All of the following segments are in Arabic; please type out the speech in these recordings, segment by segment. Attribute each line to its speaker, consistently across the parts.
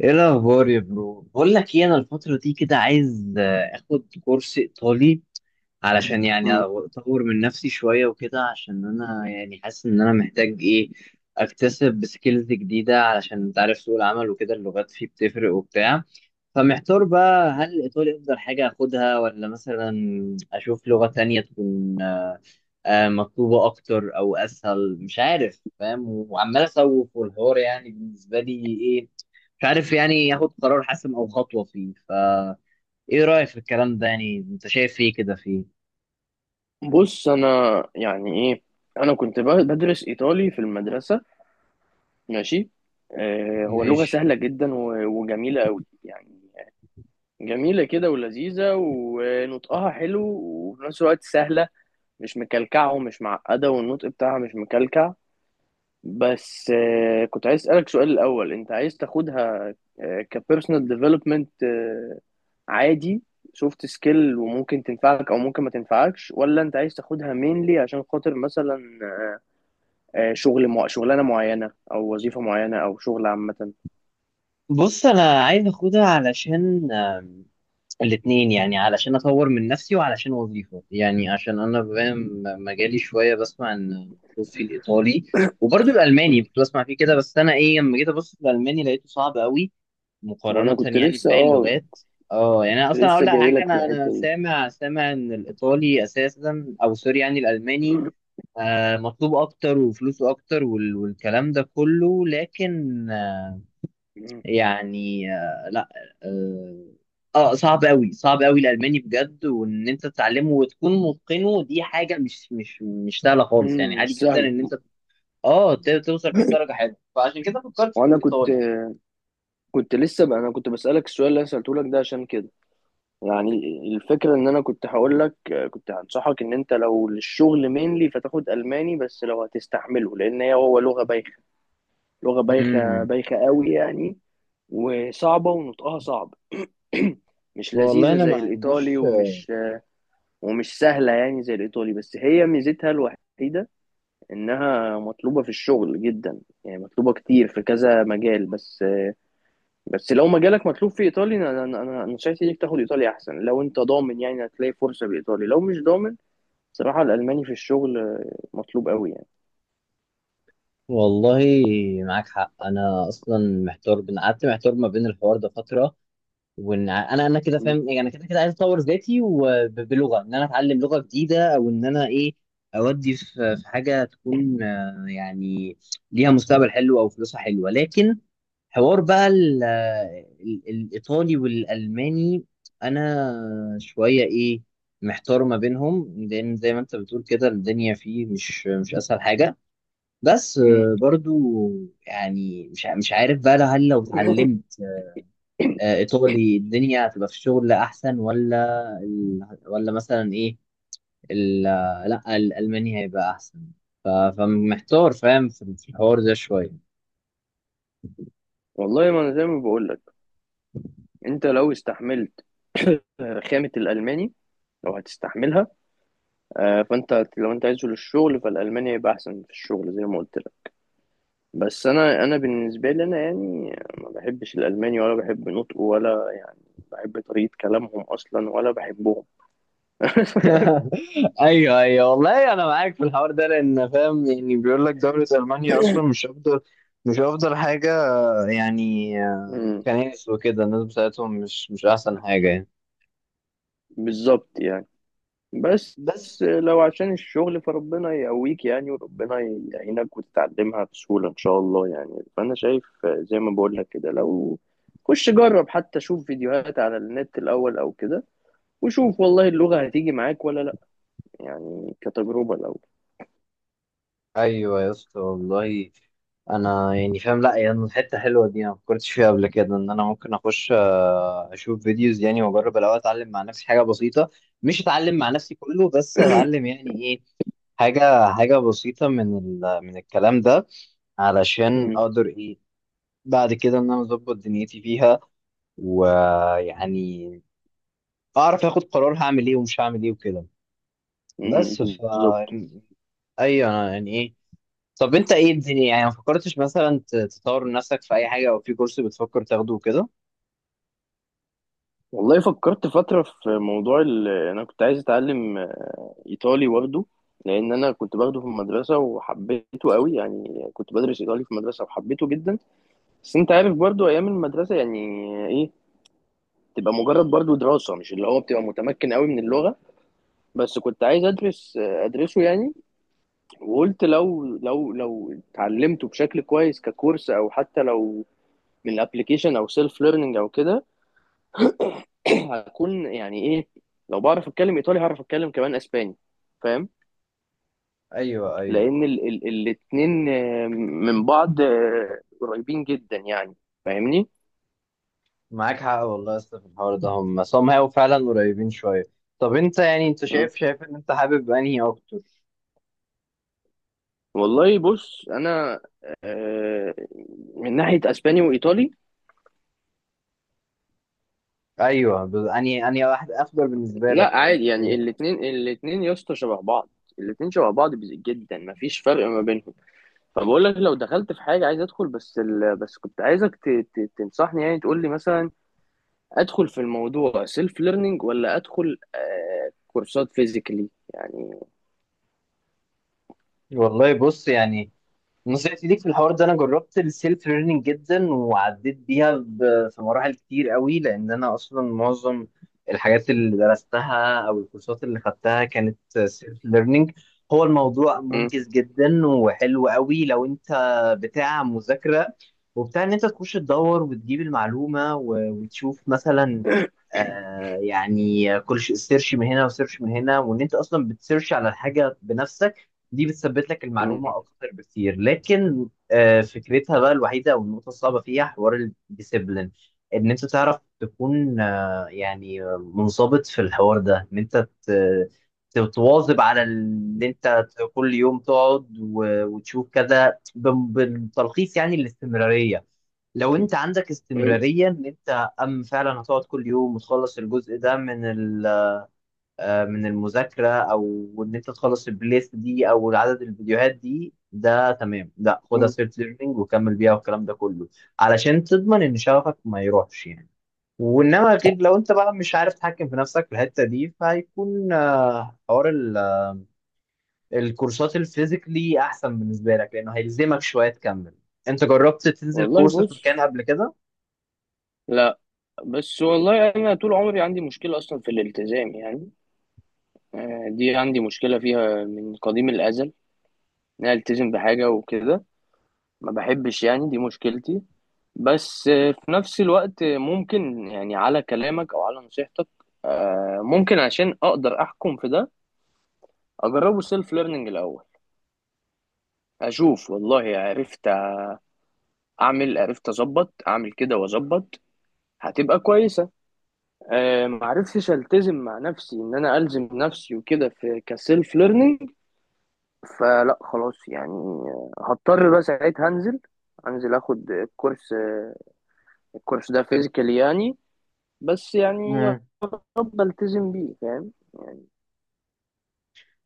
Speaker 1: ايه الاخبار يا برو؟ بقول لك ايه، انا الفتره دي كده عايز اخد كورس ايطالي، علشان يعني
Speaker 2: مم.
Speaker 1: اطور من نفسي شويه وكده، عشان انا يعني حاسس ان انا محتاج ايه اكتسب سكيلز جديده. علشان انت عارف سوق العمل وكده، اللغات فيه بتفرق وبتاع. فمحتار بقى هل الايطالي افضل حاجه اخدها، ولا مثلا اشوف لغه تانية تكون مطلوبه اكتر او اسهل. مش عارف، فاهم؟ وعمال اسوق والحوار يعني بالنسبه لي ايه، مش عارف يعني ياخد قرار حاسم او خطوه فيه. ف ايه رايك في الكلام ده؟ يعني انت شايف ايه كده فيه؟
Speaker 2: بص انا يعني ايه، انا كنت بدرس ايطالي في المدرسه. ماشي. آه، هو لغه
Speaker 1: ماشي.
Speaker 2: سهله جدا وجميله قوي يعني. جميله كده ولذيذه ونطقها حلو وفي نفس الوقت سهله. مش مكلكعه ومش معقده والنطق بتاعها مش مكلكع. بس كنت عايز اسالك سؤال الاول. انت عايز تاخدها كبيرسونال ديفلوبمنت عادي، سوفت سكيل، وممكن تنفعك او ممكن ما تنفعكش، ولا انت عايز تاخدها مينلي عشان خاطر مثلا شغلانه معينه او وظيفه معينه او شغل عامه؟
Speaker 1: بص انا عايز اخدها علشان الاتنين، يعني علشان اطور من نفسي وعلشان وظيفه. يعني عشان انا بما إن مجالي شويه بسمع ان مخصوص في الايطالي، وبرضه
Speaker 2: مم.
Speaker 1: الالماني كنت بسمع فيه كده. بس انا ايه، لما جيت ابص في الالماني لقيته صعب قوي
Speaker 2: ما انا
Speaker 1: مقارنة
Speaker 2: كنت
Speaker 1: يعني
Speaker 2: لسه
Speaker 1: بباقي اللغات. اه يعني انا
Speaker 2: كنت
Speaker 1: اصلا اقول
Speaker 2: لسه
Speaker 1: لك
Speaker 2: جاي
Speaker 1: حاجة،
Speaker 2: لك في
Speaker 1: انا
Speaker 2: الحته دي.
Speaker 1: سامع سامع ان الايطالي اساسا، او سوري يعني الالماني، مطلوب اكتر وفلوسه اكتر والكلام ده كله. لكن
Speaker 2: مم.
Speaker 1: يعني لا. اه صعب قوي، صعب قوي الالماني بجد. وان انت تتعلمه وتكون متقنه دي حاجة مش سهلة خالص. يعني
Speaker 2: مم، مش
Speaker 1: عادي جدا
Speaker 2: سهله.
Speaker 1: ان انت اه توصل فيه لدرجة حلوة، فعشان كده فكرت في
Speaker 2: وانا كنت
Speaker 1: الايطالي.
Speaker 2: كنت لسه بقى انا كنت بسالك السؤال اللي انا سالته لك ده عشان كده. يعني الفكرة ان انا كنت هقول لك، كنت هنصحك ان انت لو للشغل مينلي فتاخد الماني، بس لو هتستحمله. لان هي هو لغة بايخة، لغة بايخة
Speaker 1: امم،
Speaker 2: بايخة قوي يعني. وصعبة ونطقها صعب. مش
Speaker 1: والله
Speaker 2: لذيذة
Speaker 1: انا ما
Speaker 2: زي الايطالي،
Speaker 1: عنديش،
Speaker 2: ومش سهلة يعني زي الايطالي. بس هي ميزتها الوحيدة انها مطلوبة في الشغل جدا، يعني مطلوبة كتير في كذا مجال. بس لو مجالك مطلوب في ايطالي، انا انا انا أنا نصيحتي ليك تاخد ايطالي احسن لو انت ضامن يعني هتلاقي فرصة بايطالي. لو مش ضامن بصراحة الألماني في الشغل مطلوب قوي يعني.
Speaker 1: والله معاك حق. انا اصلا محتار، بين قعدت محتار ما بين الحوار ده فتره، وان انا كده
Speaker 2: مم.
Speaker 1: فاهم. يعني انا كده كده عايز اطور ذاتي وبلغه ان انا اتعلم لغه جديده، او ان انا ايه اودي في حاجه تكون يعني ليها مستقبل حلو او فلوسها حلوه. لكن حوار بقى الإيطالي والألماني، أنا شوية إيه محتار ما بينهم. لأن زي ما أنت بتقول كده، الدنيا فيه مش أسهل حاجة. بس
Speaker 2: مم.
Speaker 1: برضو يعني مش عارف بقى، هل لو اتعلمت ايطالي الدنيا هتبقى في الشغل احسن، ولا ال... ولا مثلا ايه ال... لا الالماني هيبقى احسن؟ ف... فمحتار، فاهم؟ في في الحوار ده شويه.
Speaker 2: والله ما أنا زي ما بقول لك، أنت لو استحملت خامة الألماني، لو هتستحملها، فأنت لو أنت عايز تنزل الشغل فالألماني هيبقى أحسن في الشغل زي ما قلت لك. بس أنا بالنسبة لي أنا يعني ما بحبش الألماني ولا بحب نطقه ولا يعني بحب طريقة كلامهم أصلا ولا بحبهم.
Speaker 1: ايوه ايوه، والله انا معاك في الحوار ده. لان فاهم يعني بيقول لك دوله المانيا اصلا مش افضل، مش افضل حاجه. يعني
Speaker 2: مم.
Speaker 1: كنائس وكده، الناس بتاعتهم مش احسن حاجه يعني.
Speaker 2: بالظبط يعني. بس
Speaker 1: بس
Speaker 2: لو عشان الشغل فربنا يقويك يعني، وربنا يعينك وتتعلمها بسهولة إن شاء الله يعني. فأنا شايف زي ما بقول لك كده، لو خش جرب حتى شوف فيديوهات على النت الأول أو كده، وشوف والله اللغة هتيجي معاك ولا لأ، يعني كتجربة الأول.
Speaker 1: ايوه يا اسطى، والله انا يعني فاهم. لا يعني حته حلوه دي، انا ما فكرتش فيها قبل كده، ان انا ممكن اخش اشوف فيديوز يعني، واجرب الاول اتعلم مع نفسي حاجه بسيطه. مش اتعلم مع نفسي كله، بس اتعلم يعني ايه حاجه حاجه بسيطه من ال... من الكلام ده، علشان
Speaker 2: مم.
Speaker 1: اقدر ايه بعد كده ان انا اظبط دنيتي فيها. ويعني اعرف اخد قرار، هعمل ايه ومش هعمل ايه وكده.
Speaker 2: مم.
Speaker 1: بس ف
Speaker 2: بالظبط.
Speaker 1: ايوه، انا يعني ايه. طب انت ايه الدنيا؟ يعني ما فكرتش مثلا تطور من نفسك في اي حاجه، او في كورس بتفكر تاخده كده؟
Speaker 2: والله فكرت فترة في موضوع أنا كنت عايز أتعلم إيطالي برضه، لأن أنا كنت باخده في المدرسة وحبيته قوي يعني. كنت بدرس إيطالي في المدرسة وحبيته جدا. بس انت عارف برضو ايام المدرسه يعني ايه، تبقى مجرد برضو دراسه مش اللي هو بتبقى متمكن قوي من اللغه. بس كنت عايز ادرسه يعني. وقلت لو اتعلمته بشكل كويس ككورس او حتى لو من الابلكيشن او سيلف ليرنينج او كده هكون يعني ايه، لو بعرف اتكلم ايطالي هعرف اتكلم كمان اسباني. فاهم؟
Speaker 1: ايوه ايوه،
Speaker 2: لان ال ال الاتنين من بعض قريبين جدا يعني. فاهمني؟
Speaker 1: معاك حق والله يا اسطى في الحوار ده. هم هم هيبقوا فعلا قريبين شويه. طب انت يعني انت شايف، شايف ان انت حابب انهي اكتر؟
Speaker 2: والله بص انا آه، من ناحيه اسباني وايطالي،
Speaker 1: ايوه انهي انهي واحد افضل بالنسبه لك،
Speaker 2: لا
Speaker 1: او
Speaker 2: عادي
Speaker 1: انت
Speaker 2: يعني،
Speaker 1: ايه؟
Speaker 2: الاثنين، الاثنين يا اسطى شبه بعض. الاثنين شبه بعض جدا مفيش فرق ما بينهم. فبقول لك لو دخلت في حاجه عايز ادخل. بس كنت عايزك تنصحني يعني، تقول لي مثلا ادخل في الموضوع سيلف ليرنينج ولا ادخل كورسات فيزيكالي يعني؟
Speaker 1: والله بص يعني، بص يا سيدي في الحوار ده انا جربت السيلف ليرنينج جدا، وعديت بيها في مراحل كتير قوي. لان انا اصلا معظم الحاجات اللي درستها او الكورسات اللي خدتها كانت سيلف ليرنينج. هو الموضوع
Speaker 2: مم،
Speaker 1: منجز جدا وحلو قوي، لو انت بتاع مذاكرة وبتاع ان انت تخش تدور وتجيب المعلومة وتشوف مثلا، يعني كل سيرش من هنا وسيرش من هنا، وان انت اصلا بتسيرش على الحاجة بنفسك. دي بتثبت لك
Speaker 2: مم،
Speaker 1: المعلومة أكتر بكتير. لكن فكرتها بقى الوحيدة أو النقطة الصعبة فيها حوار الديسيبلين، إن أنت تعرف تكون يعني منضبط في الحوار ده. إن أنت تتواظب على اللي أنت كل يوم تقعد وتشوف كذا بالتلخيص. يعني الاستمرارية، لو أنت عندك
Speaker 2: مم،
Speaker 1: استمرارية إن أنت فعلا هتقعد كل يوم وتخلص الجزء ده من من المذاكرة، أو إن أنت تخلص البلاي ليست دي أو عدد الفيديوهات دي، ده تمام. لا خدها
Speaker 2: مم.
Speaker 1: سيلف ليرنينج وكمل بيها والكلام ده كله، علشان تضمن إن شغفك ما يروحش يعني. وإنما غير لو أنت بقى مش عارف تتحكم في نفسك في الحتة دي، فهيكون حوار الكورسات الفيزيكلي أحسن بالنسبة لك، لأنه هيلزمك شوية تكمل. أنت جربت تنزل
Speaker 2: والله
Speaker 1: كورس في
Speaker 2: بص
Speaker 1: مكان قبل كده؟
Speaker 2: لا. بس والله انا طول عمري عندي مشكله اصلا في الالتزام يعني. دي عندي مشكلة فيها من قديم الأزل، إن أنا ألتزم بحاجة وكده، ما بحبش يعني، دي مشكلتي. بس في نفس الوقت ممكن يعني على كلامك أو على نصيحتك، ممكن عشان أقدر أحكم في ده أجربه سيلف ليرنينج الأول. أشوف والله عرفت أعمل، عرفت أظبط، أعمل كده وأظبط هتبقى كويسة. معرفتش ألتزم مع نفسي إن أنا ألزم نفسي وكده في كسيلف ليرنينج، فلا خلاص يعني، هضطر بقى ساعتها هنزل اخد الكورس. الكورس ده فيزيكال يعني. بس يعني يا
Speaker 1: مم.
Speaker 2: رب التزم بيه، فاهم؟ يعني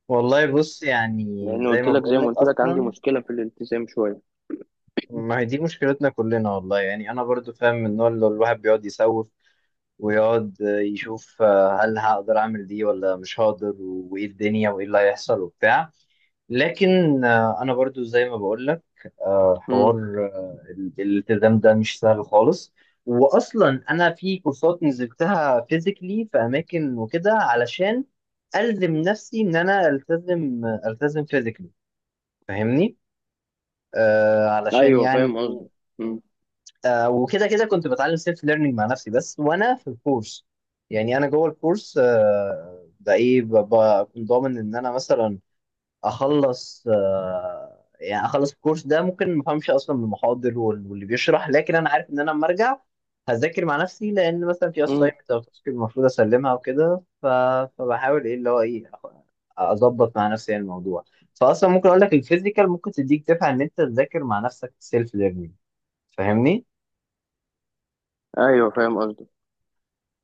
Speaker 1: والله بص يعني،
Speaker 2: لان
Speaker 1: زي
Speaker 2: قلت
Speaker 1: ما
Speaker 2: لك زي
Speaker 1: بقول
Speaker 2: ما
Speaker 1: لك
Speaker 2: قلت لك عندي
Speaker 1: أصلا،
Speaker 2: مشكله في الالتزام شويه.
Speaker 1: ما هي دي مشكلتنا كلنا والله. يعني انا برضو فاهم، من النوع اللي الواحد بيقعد يسوف، ويقعد يشوف هل هقدر اعمل دي ولا مش هقدر، وايه الدنيا، وايه اللي هيحصل وبتاع. لكن انا برضو زي ما بقول لك حوار
Speaker 2: امم.
Speaker 1: الالتزام ده مش سهل خالص. واصلا انا في كورسات نزلتها فيزيكلي في اماكن وكده، علشان الزم نفسي ان انا التزم التزم فيزيكلي. فاهمني؟ آه علشان
Speaker 2: ايوه
Speaker 1: يعني
Speaker 2: فاهم
Speaker 1: إيه،
Speaker 2: قصدي. امم.
Speaker 1: آه وكده كده كنت بتعلم سيلف ليرنينج مع نفسي بس، وانا في الكورس. يعني انا جوه الكورس بقى ايه، بكون ضامن ان انا مثلا اخلص يعني اخلص الكورس ده. ممكن ما افهمش اصلا من المحاضر واللي بيشرح، لكن انا عارف ان انا لما ارجع هذاكر مع نفسي، لان مثلا في
Speaker 2: امم.
Speaker 1: اساينمنت او تاسك المفروض اسلمها وكده. فبحاول ايه اللي هو ايه اظبط مع نفسي يعني الموضوع. فاصلا ممكن اقول لك الفيزيكال ممكن تديك دفعه ان انت تذاكر مع نفسك سيلف ليرنينج. فاهمني؟
Speaker 2: ايوه فاهم قصدي.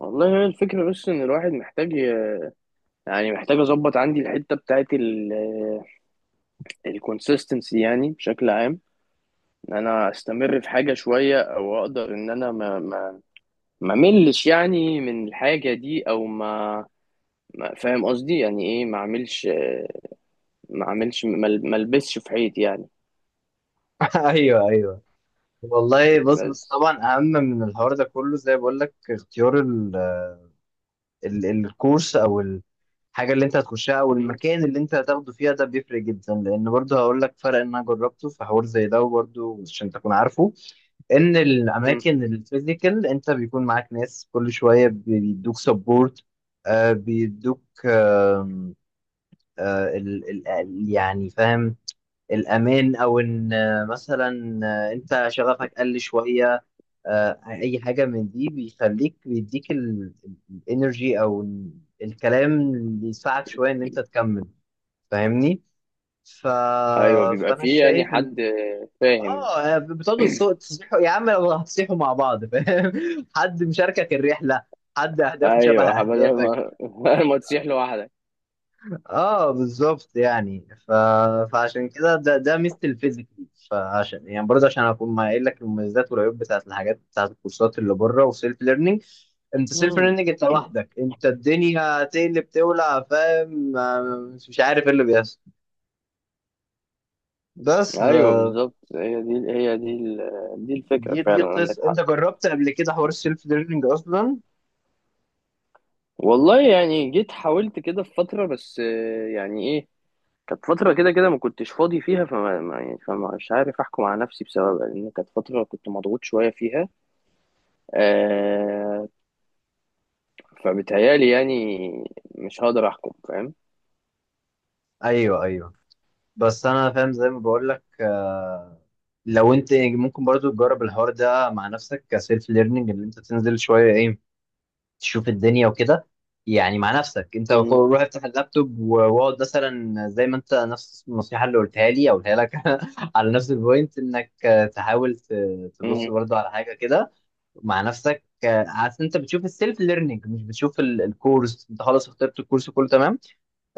Speaker 2: والله هي الفكره، بس ان الواحد محتاج يعني محتاج اظبط عندي الحته بتاعت الكونسيستنسي يعني بشكل عام، ان انا استمر في حاجه شويه او اقدر ان انا ما ملش يعني من الحاجة دي، او فاهم قصدي يعني ايه، ما اعملش، ما اعملش ما ما البسش في حيط يعني.
Speaker 1: ايوه ايوه، والله بص. بس
Speaker 2: بس.
Speaker 1: طبعا اهم من الحوار ده كله زي ما بقول لك اختيار ال الكورس او الحاجه اللي انت هتخشها او
Speaker 2: مم.
Speaker 1: المكان اللي انت هتاخده فيها، ده بيفرق جدا. لان برضه هقول لك فرق ان انا جربته في حوار زي ده. وبرضه عشان تكون عارفه ان
Speaker 2: مم.
Speaker 1: الاماكن الفيزيكال انت بيكون معاك ناس كل شويه بيدوك سبورت، بيدوك ال يعني فاهم، الامان. او ان مثلا انت شغفك قل شويه، اي حاجه من دي بيخليك بيديك الانرجي، او الكلام اللي يساعد شويه ان انت تكمل. فاهمني؟ ف...
Speaker 2: ايوه بيبقى
Speaker 1: فانا
Speaker 2: فيه يعني
Speaker 1: شايف
Speaker 2: حد،
Speaker 1: ان
Speaker 2: فاهم؟
Speaker 1: اه بتقعدوا الصوت تصبحوا يا عم لو هتصيحوا مع بعض، فاهم؟ حد مشاركك الرحله، حد اهدافه شبه
Speaker 2: ايوه بدل
Speaker 1: اهدافك.
Speaker 2: ما ما تسيح لوحدك.
Speaker 1: اه بالظبط يعني. ف... فعشان كده ده ده ميزه الفيزيكال. فعشان يعني برضه عشان اكون ما قايل لك المميزات والعيوب بتاعت الحاجات، بتاعت الكورسات اللي بره وسيلف ليرنينج. انت سيلف
Speaker 2: مم.
Speaker 1: ليرنينج انت لوحدك، انت الدنيا هتقلب تولع، فاهم؟ مش عارف ايه اللي بيحصل. بس
Speaker 2: ايوه بالظبط، هي دي الفكره
Speaker 1: دي دي
Speaker 2: فعلا، عندك
Speaker 1: قصه،
Speaker 2: حق.
Speaker 1: انت جربت قبل كده حوار السيلف ليرنينج اصلا؟
Speaker 2: والله يعني جيت حاولت كده في فتره، بس يعني ايه، كانت فترة كده كده ما كنتش فاضي فيها، فما ما يعني فمش عارف أحكم على نفسي بسببها لأن كانت فترة كنت مضغوط شوية فيها، آه فبيتهيألي يعني مش هقدر أحكم، فاهم؟
Speaker 1: ايوه ايوه. بس انا فاهم زي ما بقول لك لو انت ممكن برضو تجرب الحوار ده مع نفسك كسيلف ليرنينج، اللي انت تنزل شويه ايه تشوف الدنيا وكده. يعني مع نفسك انت
Speaker 2: مم.
Speaker 1: روح افتح اللابتوب واقعد مثلا، زي ما انت نفس النصيحه اللي قلتها لي او قلتها لك على نفس البوينت، انك تحاول تبص
Speaker 2: مم.
Speaker 1: برضو على حاجه كده مع نفسك عشان انت بتشوف السيلف ليرنينج، مش بتشوف الكورس، انت خلاص اخترت الكورس كله تمام.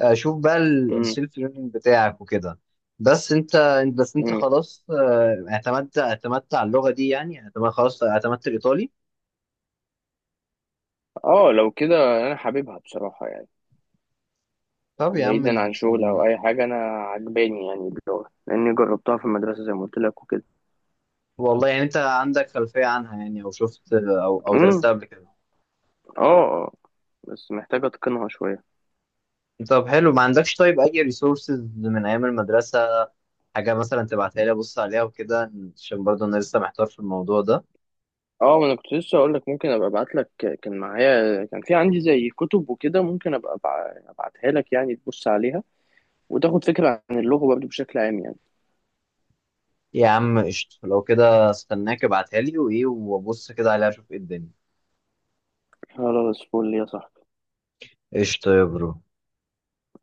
Speaker 1: شوف بقى
Speaker 2: مم.
Speaker 1: السيلف ليرنينج بتاعك وكده. بس انت، بس انت
Speaker 2: مم.
Speaker 1: خلاص اعتمدت اعتمدت على اللغه دي، يعني اعتمدت، خلاص اعتمدت الايطالي؟
Speaker 2: اه لو كده، أنا حاببها بصراحة يعني،
Speaker 1: طب يا عم،
Speaker 2: بعيدا عن شغل أو أي حاجة. أنا عجباني يعني اللغة لأني جربتها في المدرسة زي ما قلت لك وكده.
Speaker 1: والله يعني انت عندك خلفيه عنها، يعني او شفت او او
Speaker 2: مم.
Speaker 1: درستها قبل كده؟
Speaker 2: اه، آه. بس محتاج أتقنها شوية.
Speaker 1: طب حلو، ما عندكش طيب اي ريسورسز من ايام المدرسه، حاجه مثلا تبعتها لي ابص عليها وكده؟ عشان برضه انا لسه محتار في الموضوع ده.
Speaker 2: اه ما انا كنت لسه اقول لك ممكن ابقى ابعت لك. كان معايا، كان في عندي زي كتب وكده، ممكن ابقى ابعتها لك يعني، تبص عليها وتاخد فكرة عن اللغة برضه بشكل عام يعني.
Speaker 1: يا عم قشطه، لو كده استناك ابعتها لي، وايه وابص كده عليها اشوف ايه الدنيا.
Speaker 2: خلاص فل يا صاحبي.
Speaker 1: قشطه يا برو.